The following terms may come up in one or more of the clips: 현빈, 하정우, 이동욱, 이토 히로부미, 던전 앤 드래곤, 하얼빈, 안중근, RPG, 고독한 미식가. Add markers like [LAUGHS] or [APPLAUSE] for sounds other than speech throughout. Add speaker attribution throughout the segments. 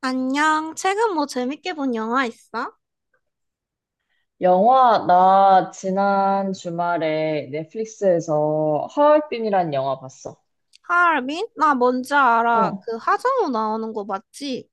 Speaker 1: 안녕. 최근 뭐 재밌게 본 영화 있어?
Speaker 2: 영화, 나 지난 주말에 넷플릭스에서 하얼빈이란 영화 봤어.
Speaker 1: 하얼빈? 나 뭔지 알아.
Speaker 2: 어,
Speaker 1: 그 하정우 나오는 거 맞지?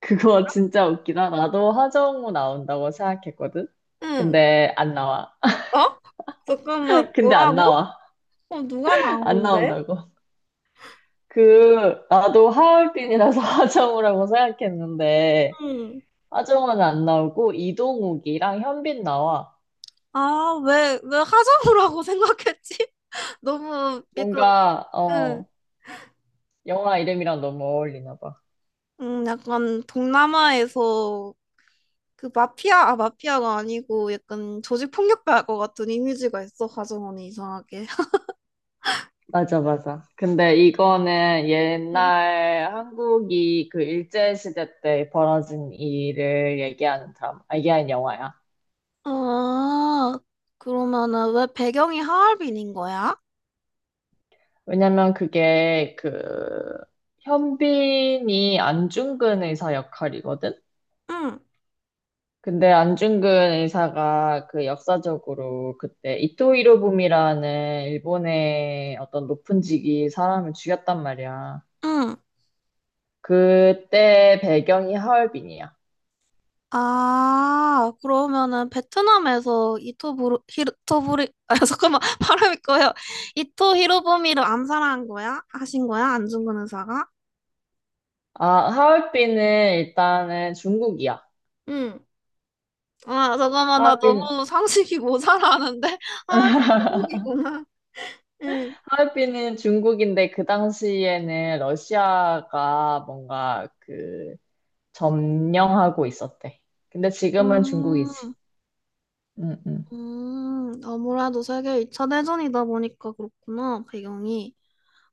Speaker 2: 그거 [LAUGHS] 진짜 웃기다. 나도 하정우 나온다고 생각했거든.
Speaker 1: 응.
Speaker 2: 근데 안 나와.
Speaker 1: 어? 잠깐만.
Speaker 2: [LAUGHS] 근데 안
Speaker 1: 뭐라고?
Speaker 2: 나와.
Speaker 1: 어, 누가
Speaker 2: 안
Speaker 1: 나오는데?
Speaker 2: 나온다고. 그, 나도 하얼빈이라서 [LAUGHS] 하정우라고 생각했는데,
Speaker 1: 응.
Speaker 2: 하정우는 안 나오고, 이동욱이랑 현빈 나와.
Speaker 1: 아, 왜 하정우라고 [LAUGHS] 생각했지? [LAUGHS] 너무 약간,
Speaker 2: 뭔가,
Speaker 1: 응.
Speaker 2: 어, 영화 이름이랑 너무 어울리나 봐.
Speaker 1: 약간 동남아에서 그 마피아, 아, 마피아가 아니고 약간 조직 폭력배일 것 같은 이미지가 있어, 하정우는 이상하게.
Speaker 2: 맞아, 맞아. 근데 이거는
Speaker 1: [LAUGHS]
Speaker 2: 옛날 한국이 그 일제시대 때 벌어진 일을 얘기하는 얘기하는 영화야.
Speaker 1: 아, 그러면은 왜 배경이 하얼빈인 거야?
Speaker 2: 왜냐면 그게 그 현빈이 안중근 의사 역할이거든?
Speaker 1: 응,
Speaker 2: 근데 안중근 의사가 그 역사적으로 그때 이토 히로부미라는 일본의 어떤 높은 직위 사람을 죽였단 말이야.
Speaker 1: 응.
Speaker 2: 그때 배경이 하얼빈이야.
Speaker 1: 아, 그러면은 베트남에서 이토 부르, 히토 부리, 아, 잠깐만, [LAUGHS] 발음이 꺼요. 이토 히로부미를 암살한 거야? 하신 거야? 안중근 의사가?
Speaker 2: 아, 하얼빈은 일단은 중국이야.
Speaker 1: 응. 아, 잠깐만, 나
Speaker 2: 하얼빈,
Speaker 1: 너무 상식이 모자라는데? [LAUGHS] 하얼빈 중국이구나. 응.
Speaker 2: 하얼빈은 중국인데 그 당시에는 러시아가 뭔가 그 점령하고 있었대. 근데 지금은 중국이지.
Speaker 1: 음,
Speaker 2: 응, 응.
Speaker 1: 아무래도 세계 2차 대전이다 보니까 그렇구나, 배경이.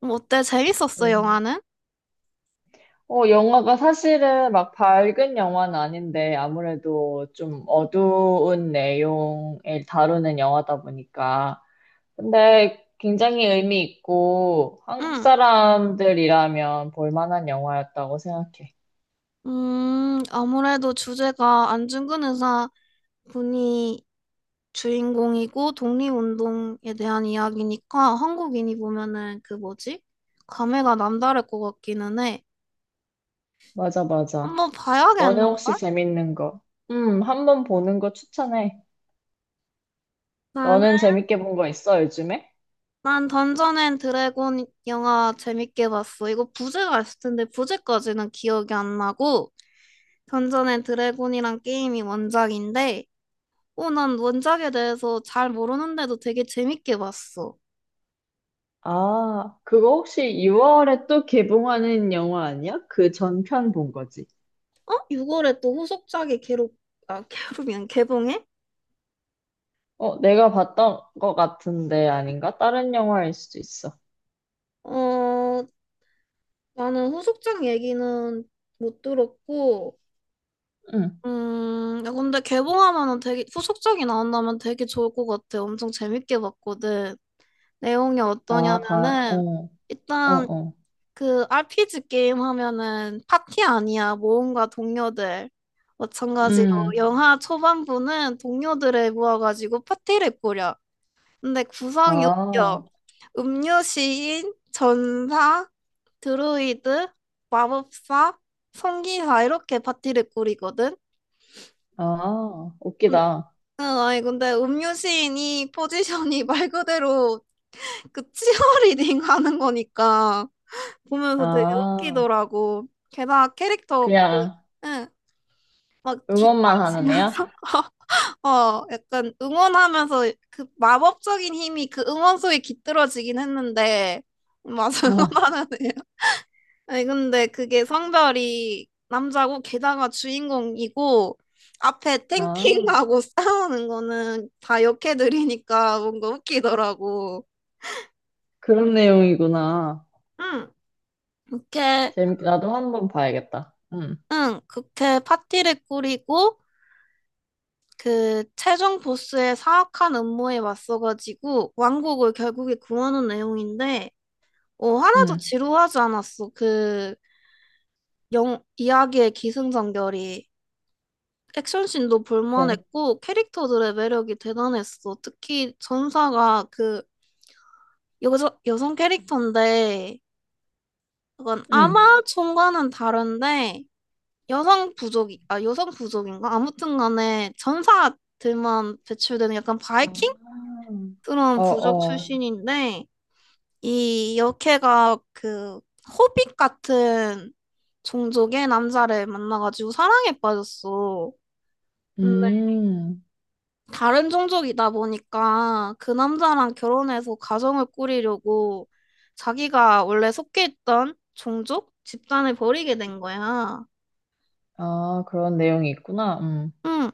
Speaker 1: 뭐 어때? 재밌었어,
Speaker 2: 응.
Speaker 1: 영화는?
Speaker 2: 어, 영화가 사실은 막 밝은 영화는 아닌데 아무래도 좀 어두운 내용을 다루는 영화다 보니까. 근데 굉장히 의미 있고 한국
Speaker 1: 응.
Speaker 2: 사람들이라면 볼 만한 영화였다고 생각해.
Speaker 1: 아무래도 주제가 안중근 의사 분이 주인공이고 독립운동에 대한 이야기니까 한국인이 보면은 그 뭐지? 감회가 남다를 것 같기는 해.
Speaker 2: 맞아, 맞아.
Speaker 1: 한번
Speaker 2: 너는 혹시
Speaker 1: 봐야겠는걸?
Speaker 2: 재밌는 거? 한번 보는 거 추천해.
Speaker 1: 나는
Speaker 2: 너는 재밌게 본 거 있어, 요즘에?
Speaker 1: 난 던전 앤 드래곤 영화 재밌게 봤어. 이거 부제가 있을 텐데 부제까지는 기억이 안 나고 던전 앤 드래곤이란 게임이 원작인데 어, 난 원작에 대해서 잘 모르는데도 되게 재밌게 봤어.
Speaker 2: 아, 그거 혹시 6월에 또 개봉하는 영화 아니야? 그 전편 본 거지.
Speaker 1: 어? 6월에 또 후속작이 개록, 아, 개록이란 개봉해?
Speaker 2: 어, 내가 봤던 거 같은데 아닌가? 다른 영화일 수도 있어.
Speaker 1: 어, 나는 후속작 얘기는 못 들었고,
Speaker 2: 응.
Speaker 1: 야, 근데 개봉하면은 되게, 후속작이 나온다면 되게 좋을 것 같아. 엄청 재밌게 봤거든. 내용이
Speaker 2: 아, 다, 어,
Speaker 1: 어떠냐면은,
Speaker 2: 어,
Speaker 1: 일단
Speaker 2: 어.
Speaker 1: 그 RPG 게임 하면은 파티 아니야. 모험가 동료들. 마찬가지로
Speaker 2: 음.
Speaker 1: 영화 초반부는 동료들을 모아가지고 파티를 꾸려. 근데 구성이
Speaker 2: 아,
Speaker 1: 웃겨. 음료 시인, 전사, 드루이드, 마법사, 성기사 이렇게 파티를 꾸리거든.
Speaker 2: 아,
Speaker 1: 음,
Speaker 2: 웃기다.
Speaker 1: 아니 근데 음료 시인이 포지션이 [LAUGHS] 말 그대로 그 치어리딩 하는 거니까 보면서 되게
Speaker 2: 아,
Speaker 1: 웃기더라고. 게다가 캐릭터 그,
Speaker 2: 그냥
Speaker 1: 응, 막 기타
Speaker 2: 응원만 하는 애야?
Speaker 1: 치면서 [LAUGHS] 어, 약간 응원하면서 그 마법적인 힘이 그 응원 소리에 깃들어지긴 했는데 맞아 [LAUGHS]
Speaker 2: 아,
Speaker 1: 응원하네요. 아니 근데 그게 성별이 남자고 게다가 주인공이고 앞에
Speaker 2: 아,
Speaker 1: 탱킹하고 [LAUGHS] 싸우는 거는 다 여캐들이니까 뭔가 웃기더라고.
Speaker 2: 그런 내용이구나.
Speaker 1: 응, 그렇게
Speaker 2: 재밌게 나도 한 번 봐야겠다. 응,
Speaker 1: 응, 그렇게 파티를 꾸리고 그 최종 보스의 사악한 음모에 맞서가지고 왕국을 결국에 구하는 내용인데 어, 하나도
Speaker 2: 응,
Speaker 1: 지루하지 않았어. 그 이야기의 기승전결이 액션씬도
Speaker 2: 뱀.
Speaker 1: 볼만했고 캐릭터들의 매력이 대단했어. 특히 전사가 그 여성 캐릭터인데 약간
Speaker 2: 응.
Speaker 1: 아마존과는 다른데 여성 부족이 여성 부족인가? 아무튼 간에 전사들만 배출되는 약간 바이킹
Speaker 2: 아,
Speaker 1: 그런
Speaker 2: 어,
Speaker 1: 부족
Speaker 2: 어.
Speaker 1: 출신인데 이 여캐가 그 호빗 같은 종족의 남자를 만나가지고 사랑에 빠졌어. 근데
Speaker 2: 음,
Speaker 1: 다른 종족이다 보니까 그 남자랑 결혼해서 가정을 꾸리려고 자기가 원래 속해 있던 종족 집단을 버리게 된 거야.
Speaker 2: 아, 그런 내용이 있구나.
Speaker 1: 응.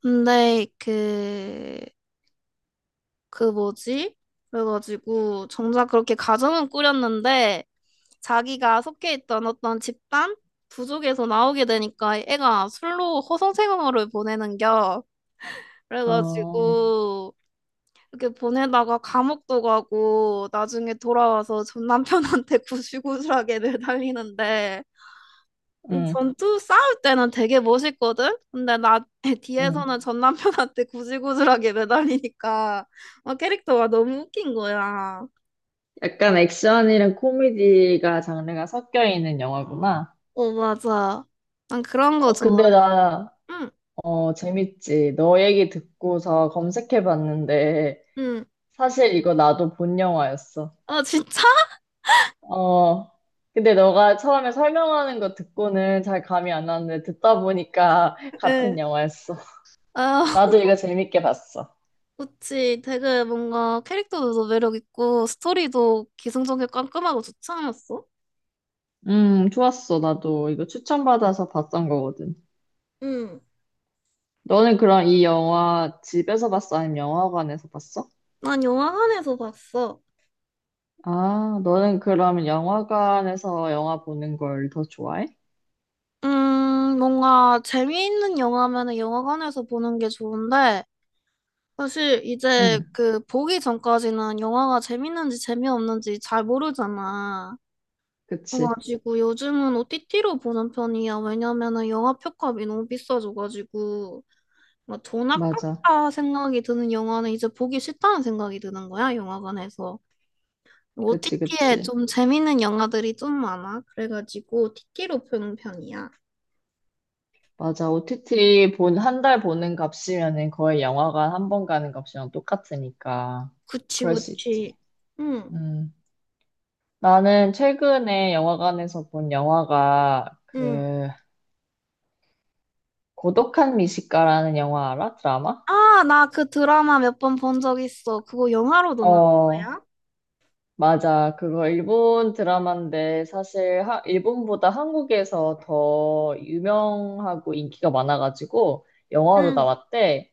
Speaker 1: 근데 그 뭐지? 그래가지고 정작 그렇게 가정은 꾸렸는데 자기가 속해 있던 어떤 집단 부족에서 나오게 되니까 애가 술로 허송세월을 보내는겨.
Speaker 2: 어,
Speaker 1: 그래가지고 이렇게 보내다가 감옥도 가고 나중에 돌아와서 전 남편한테 [LAUGHS] 구실구실하게 매달리는데
Speaker 2: 음,
Speaker 1: 전투 싸울 때는 되게 멋있거든? 근데 나 [LAUGHS]
Speaker 2: 음.
Speaker 1: 뒤에서는 전 남편한테 구질구질하게 매달리니까 어, 캐릭터가 너무 웃긴 거야.
Speaker 2: 약간 액션이랑 코미디가 장르가 섞여 있는 영화구나.
Speaker 1: 어, 맞아. 난 그런 거
Speaker 2: 어,
Speaker 1: 좋아.
Speaker 2: 근데 나,
Speaker 1: 응,
Speaker 2: 어, 재밌지. 너 얘기 듣고서 검색해 봤는데,
Speaker 1: 응.
Speaker 2: 사실 이거 나도 본 영화였어.
Speaker 1: 어, 진짜.
Speaker 2: 어, 근데 너가 처음에 설명하는 거 듣고는 잘 감이 안 왔는데 듣다 보니까 [LAUGHS] 같은
Speaker 1: 네.
Speaker 2: 영화였어.
Speaker 1: 아, [LAUGHS]
Speaker 2: 나도 이거 재밌게 봤어.
Speaker 1: 그치. 되게 뭔가 캐릭터도 매력 있고 스토리도 기승전결 깔끔하고 좋지 않았어?
Speaker 2: 좋았어. 나도 이거 추천받아서 봤던 거거든.
Speaker 1: 응,
Speaker 2: 너는 그럼 이 영화 집에서 봤어? 아니면 영화관에서 봤어?
Speaker 1: 난 영화관에서 봤어.
Speaker 2: 아, 너는 그러면 영화관에서 영화 보는 걸 더 좋아해?
Speaker 1: 뭔가 재미있는 영화면은 영화관에서 보는 게 좋은데 사실 이제
Speaker 2: 응,
Speaker 1: 그 보기 전까지는 영화가 재밌는지 재미없는지 잘 모르잖아.
Speaker 2: 그치.
Speaker 1: 그래가지고 요즘은 OTT로 보는 편이야. 왜냐면은 영화 표값이 너무 비싸져가지고. 뭐 돈
Speaker 2: 맞아.
Speaker 1: 아깝다 생각이 드는 영화는 이제 보기 싫다는 생각이 드는 거야, 영화관에서.
Speaker 2: 그치,
Speaker 1: OTT에
Speaker 2: 그치.
Speaker 1: 좀 재밌는 영화들이 좀 많아. 그래가지고 티티로 보는 편이야.
Speaker 2: 맞아. OTT 본, 한 달 보는 값이면은 거의 영화관 한 번 가는 값이랑 똑같으니까.
Speaker 1: 그치,
Speaker 2: 그럴 수 있지.
Speaker 1: 그치. 응,
Speaker 2: 음. 나는 최근에 영화관에서 본 영화가
Speaker 1: 응.
Speaker 2: 그, 고독한 미식가라는 영화 알아? 드라마?
Speaker 1: 아, 나 그 드라마 몇 번 본 적 있어. 그거 영화로도 나온
Speaker 2: 어,
Speaker 1: 거야?
Speaker 2: 맞아. 그거 일본 드라마인데 사실 하- 일본보다 한국에서 더 유명하고 인기가 많아가지고 영화로
Speaker 1: 응.
Speaker 2: 나왔대.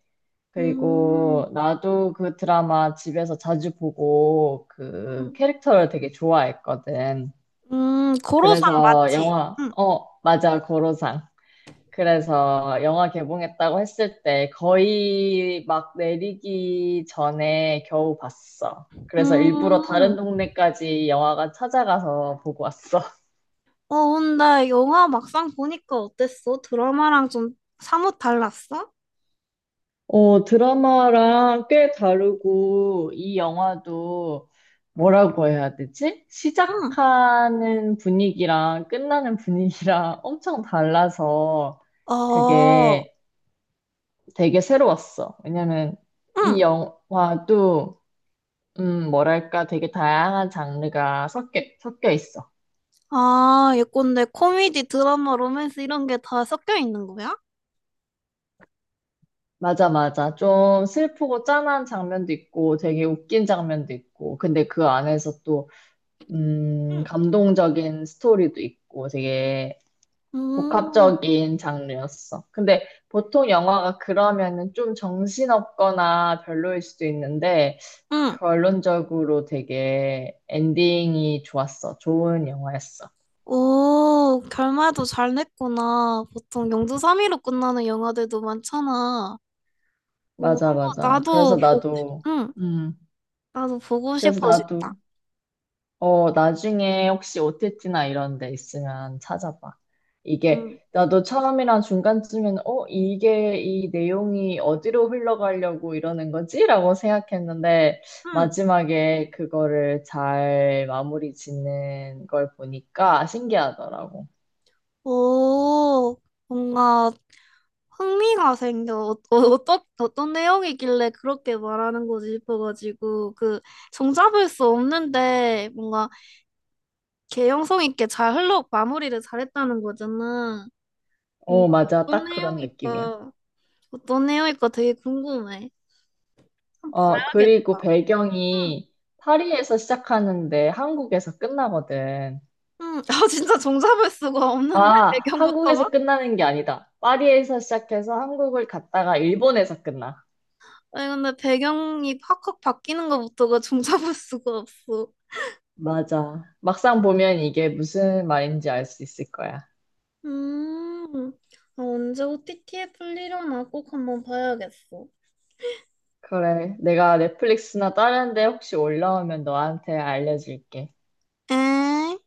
Speaker 1: 음,
Speaker 2: 그리고 나도 그 드라마 집에서 자주 보고 그
Speaker 1: 음,
Speaker 2: 캐릭터를 되게 좋아했거든.
Speaker 1: 고로상
Speaker 2: 그래서
Speaker 1: 맞지?
Speaker 2: 영화,
Speaker 1: 응.
Speaker 2: 어, 맞아, 고로상. 그래서 영화 개봉했다고 했을 때 거의 막 내리기 전에 겨우 봤어. 그래서 일부러 다른
Speaker 1: 음,
Speaker 2: 동네까지 영화관 찾아가서 보고 왔어.
Speaker 1: 어, 근데 영화 막상 보니까 어땠어? 드라마랑 좀 사뭇 달랐어?
Speaker 2: 어, 드라마랑 꽤 다르고, 이 영화도 뭐라고 해야 되지?
Speaker 1: 응.
Speaker 2: 시작하는 분위기랑 끝나는 분위기랑 [LAUGHS] 엄청 달라서
Speaker 1: 아,
Speaker 2: 그게 되게 새로웠어. 왜냐면 이
Speaker 1: 응.
Speaker 2: 영화도, 뭐랄까, 되게 다양한 장르가 섞여 있어.
Speaker 1: 아, 예컨대 코미디, 드라마, 로맨스 이런 게 다 섞여 있는 거야?
Speaker 2: 맞아, 맞아. 좀 슬프고 짠한 장면도 있고, 되게 웃긴 장면도 있고, 근데 그 안에서 또
Speaker 1: 응.
Speaker 2: 감동적인 스토리도 있고 되게
Speaker 1: 음,
Speaker 2: 복합적인 장르였어. 근데 보통 영화가 그러면은 좀 정신없거나 별로일 수도 있는데
Speaker 1: 응.
Speaker 2: 결론적으로 되게 엔딩이 좋았어. 좋은 영화였어.
Speaker 1: 오, 결말도 잘 냈구나. 보통 영주삼위로 끝나는 영화들도 많잖아. 오,
Speaker 2: 맞아,
Speaker 1: 한번
Speaker 2: 맞아.
Speaker 1: 나도
Speaker 2: 그래서
Speaker 1: 보고, 싶-
Speaker 2: 나도,
Speaker 1: 응,
Speaker 2: 음,
Speaker 1: 나도 보고
Speaker 2: 그래서
Speaker 1: 싶어진다.
Speaker 2: 나도 어, 나중에 혹시 OTT나 이런 데 있으면 찾아봐. 이게,
Speaker 1: 응.
Speaker 2: 나도 처음이랑 중간쯤에는, 어, 이게 이 내용이 어디로 흘러가려고 이러는 거지? 라고 생각했는데,
Speaker 1: 응.
Speaker 2: 마지막에 그거를 잘 마무리 짓는 걸 보니까 신기하더라고.
Speaker 1: 오, 뭔가 흥미가 생겨. 어떤 내용이길래 그렇게 말하는 거지 싶어가지고, 그, 종잡을 수 없는데, 뭔가, 개연성 있게 잘 흘러, 마무리를 잘했다는 거잖아.
Speaker 2: 어,
Speaker 1: 뭔가,
Speaker 2: 맞아.
Speaker 1: 어떤
Speaker 2: 딱 그런 느낌이야.
Speaker 1: 내용일까, 어떤 내용일까 되게 궁금해. 한번
Speaker 2: 어,
Speaker 1: 봐야겠다.
Speaker 2: 그리고
Speaker 1: 응,
Speaker 2: 배경이 파리에서 시작하는데 한국에서 끝나거든.
Speaker 1: 응. [LAUGHS] 아, 진짜 종잡을 수가
Speaker 2: 아,
Speaker 1: 없는데, 배경부터가?
Speaker 2: 한국에서 끝나는 게 아니다. 파리에서 시작해서 한국을 갔다가 일본에서 끝나.
Speaker 1: 아니, 근데 배경이 확확 바뀌는 것부터가 종잡을 수가 없어.
Speaker 2: 맞아. 막상 보면 이게 무슨 말인지 알 수 있을 거야.
Speaker 1: 음, 아, 언제 OTT에 풀리려나 꼭 한번 봐야겠어.
Speaker 2: 그래. 내가 넷플릭스나 다른 데 혹시 올라오면 너한테 알려줄게.
Speaker 1: 응?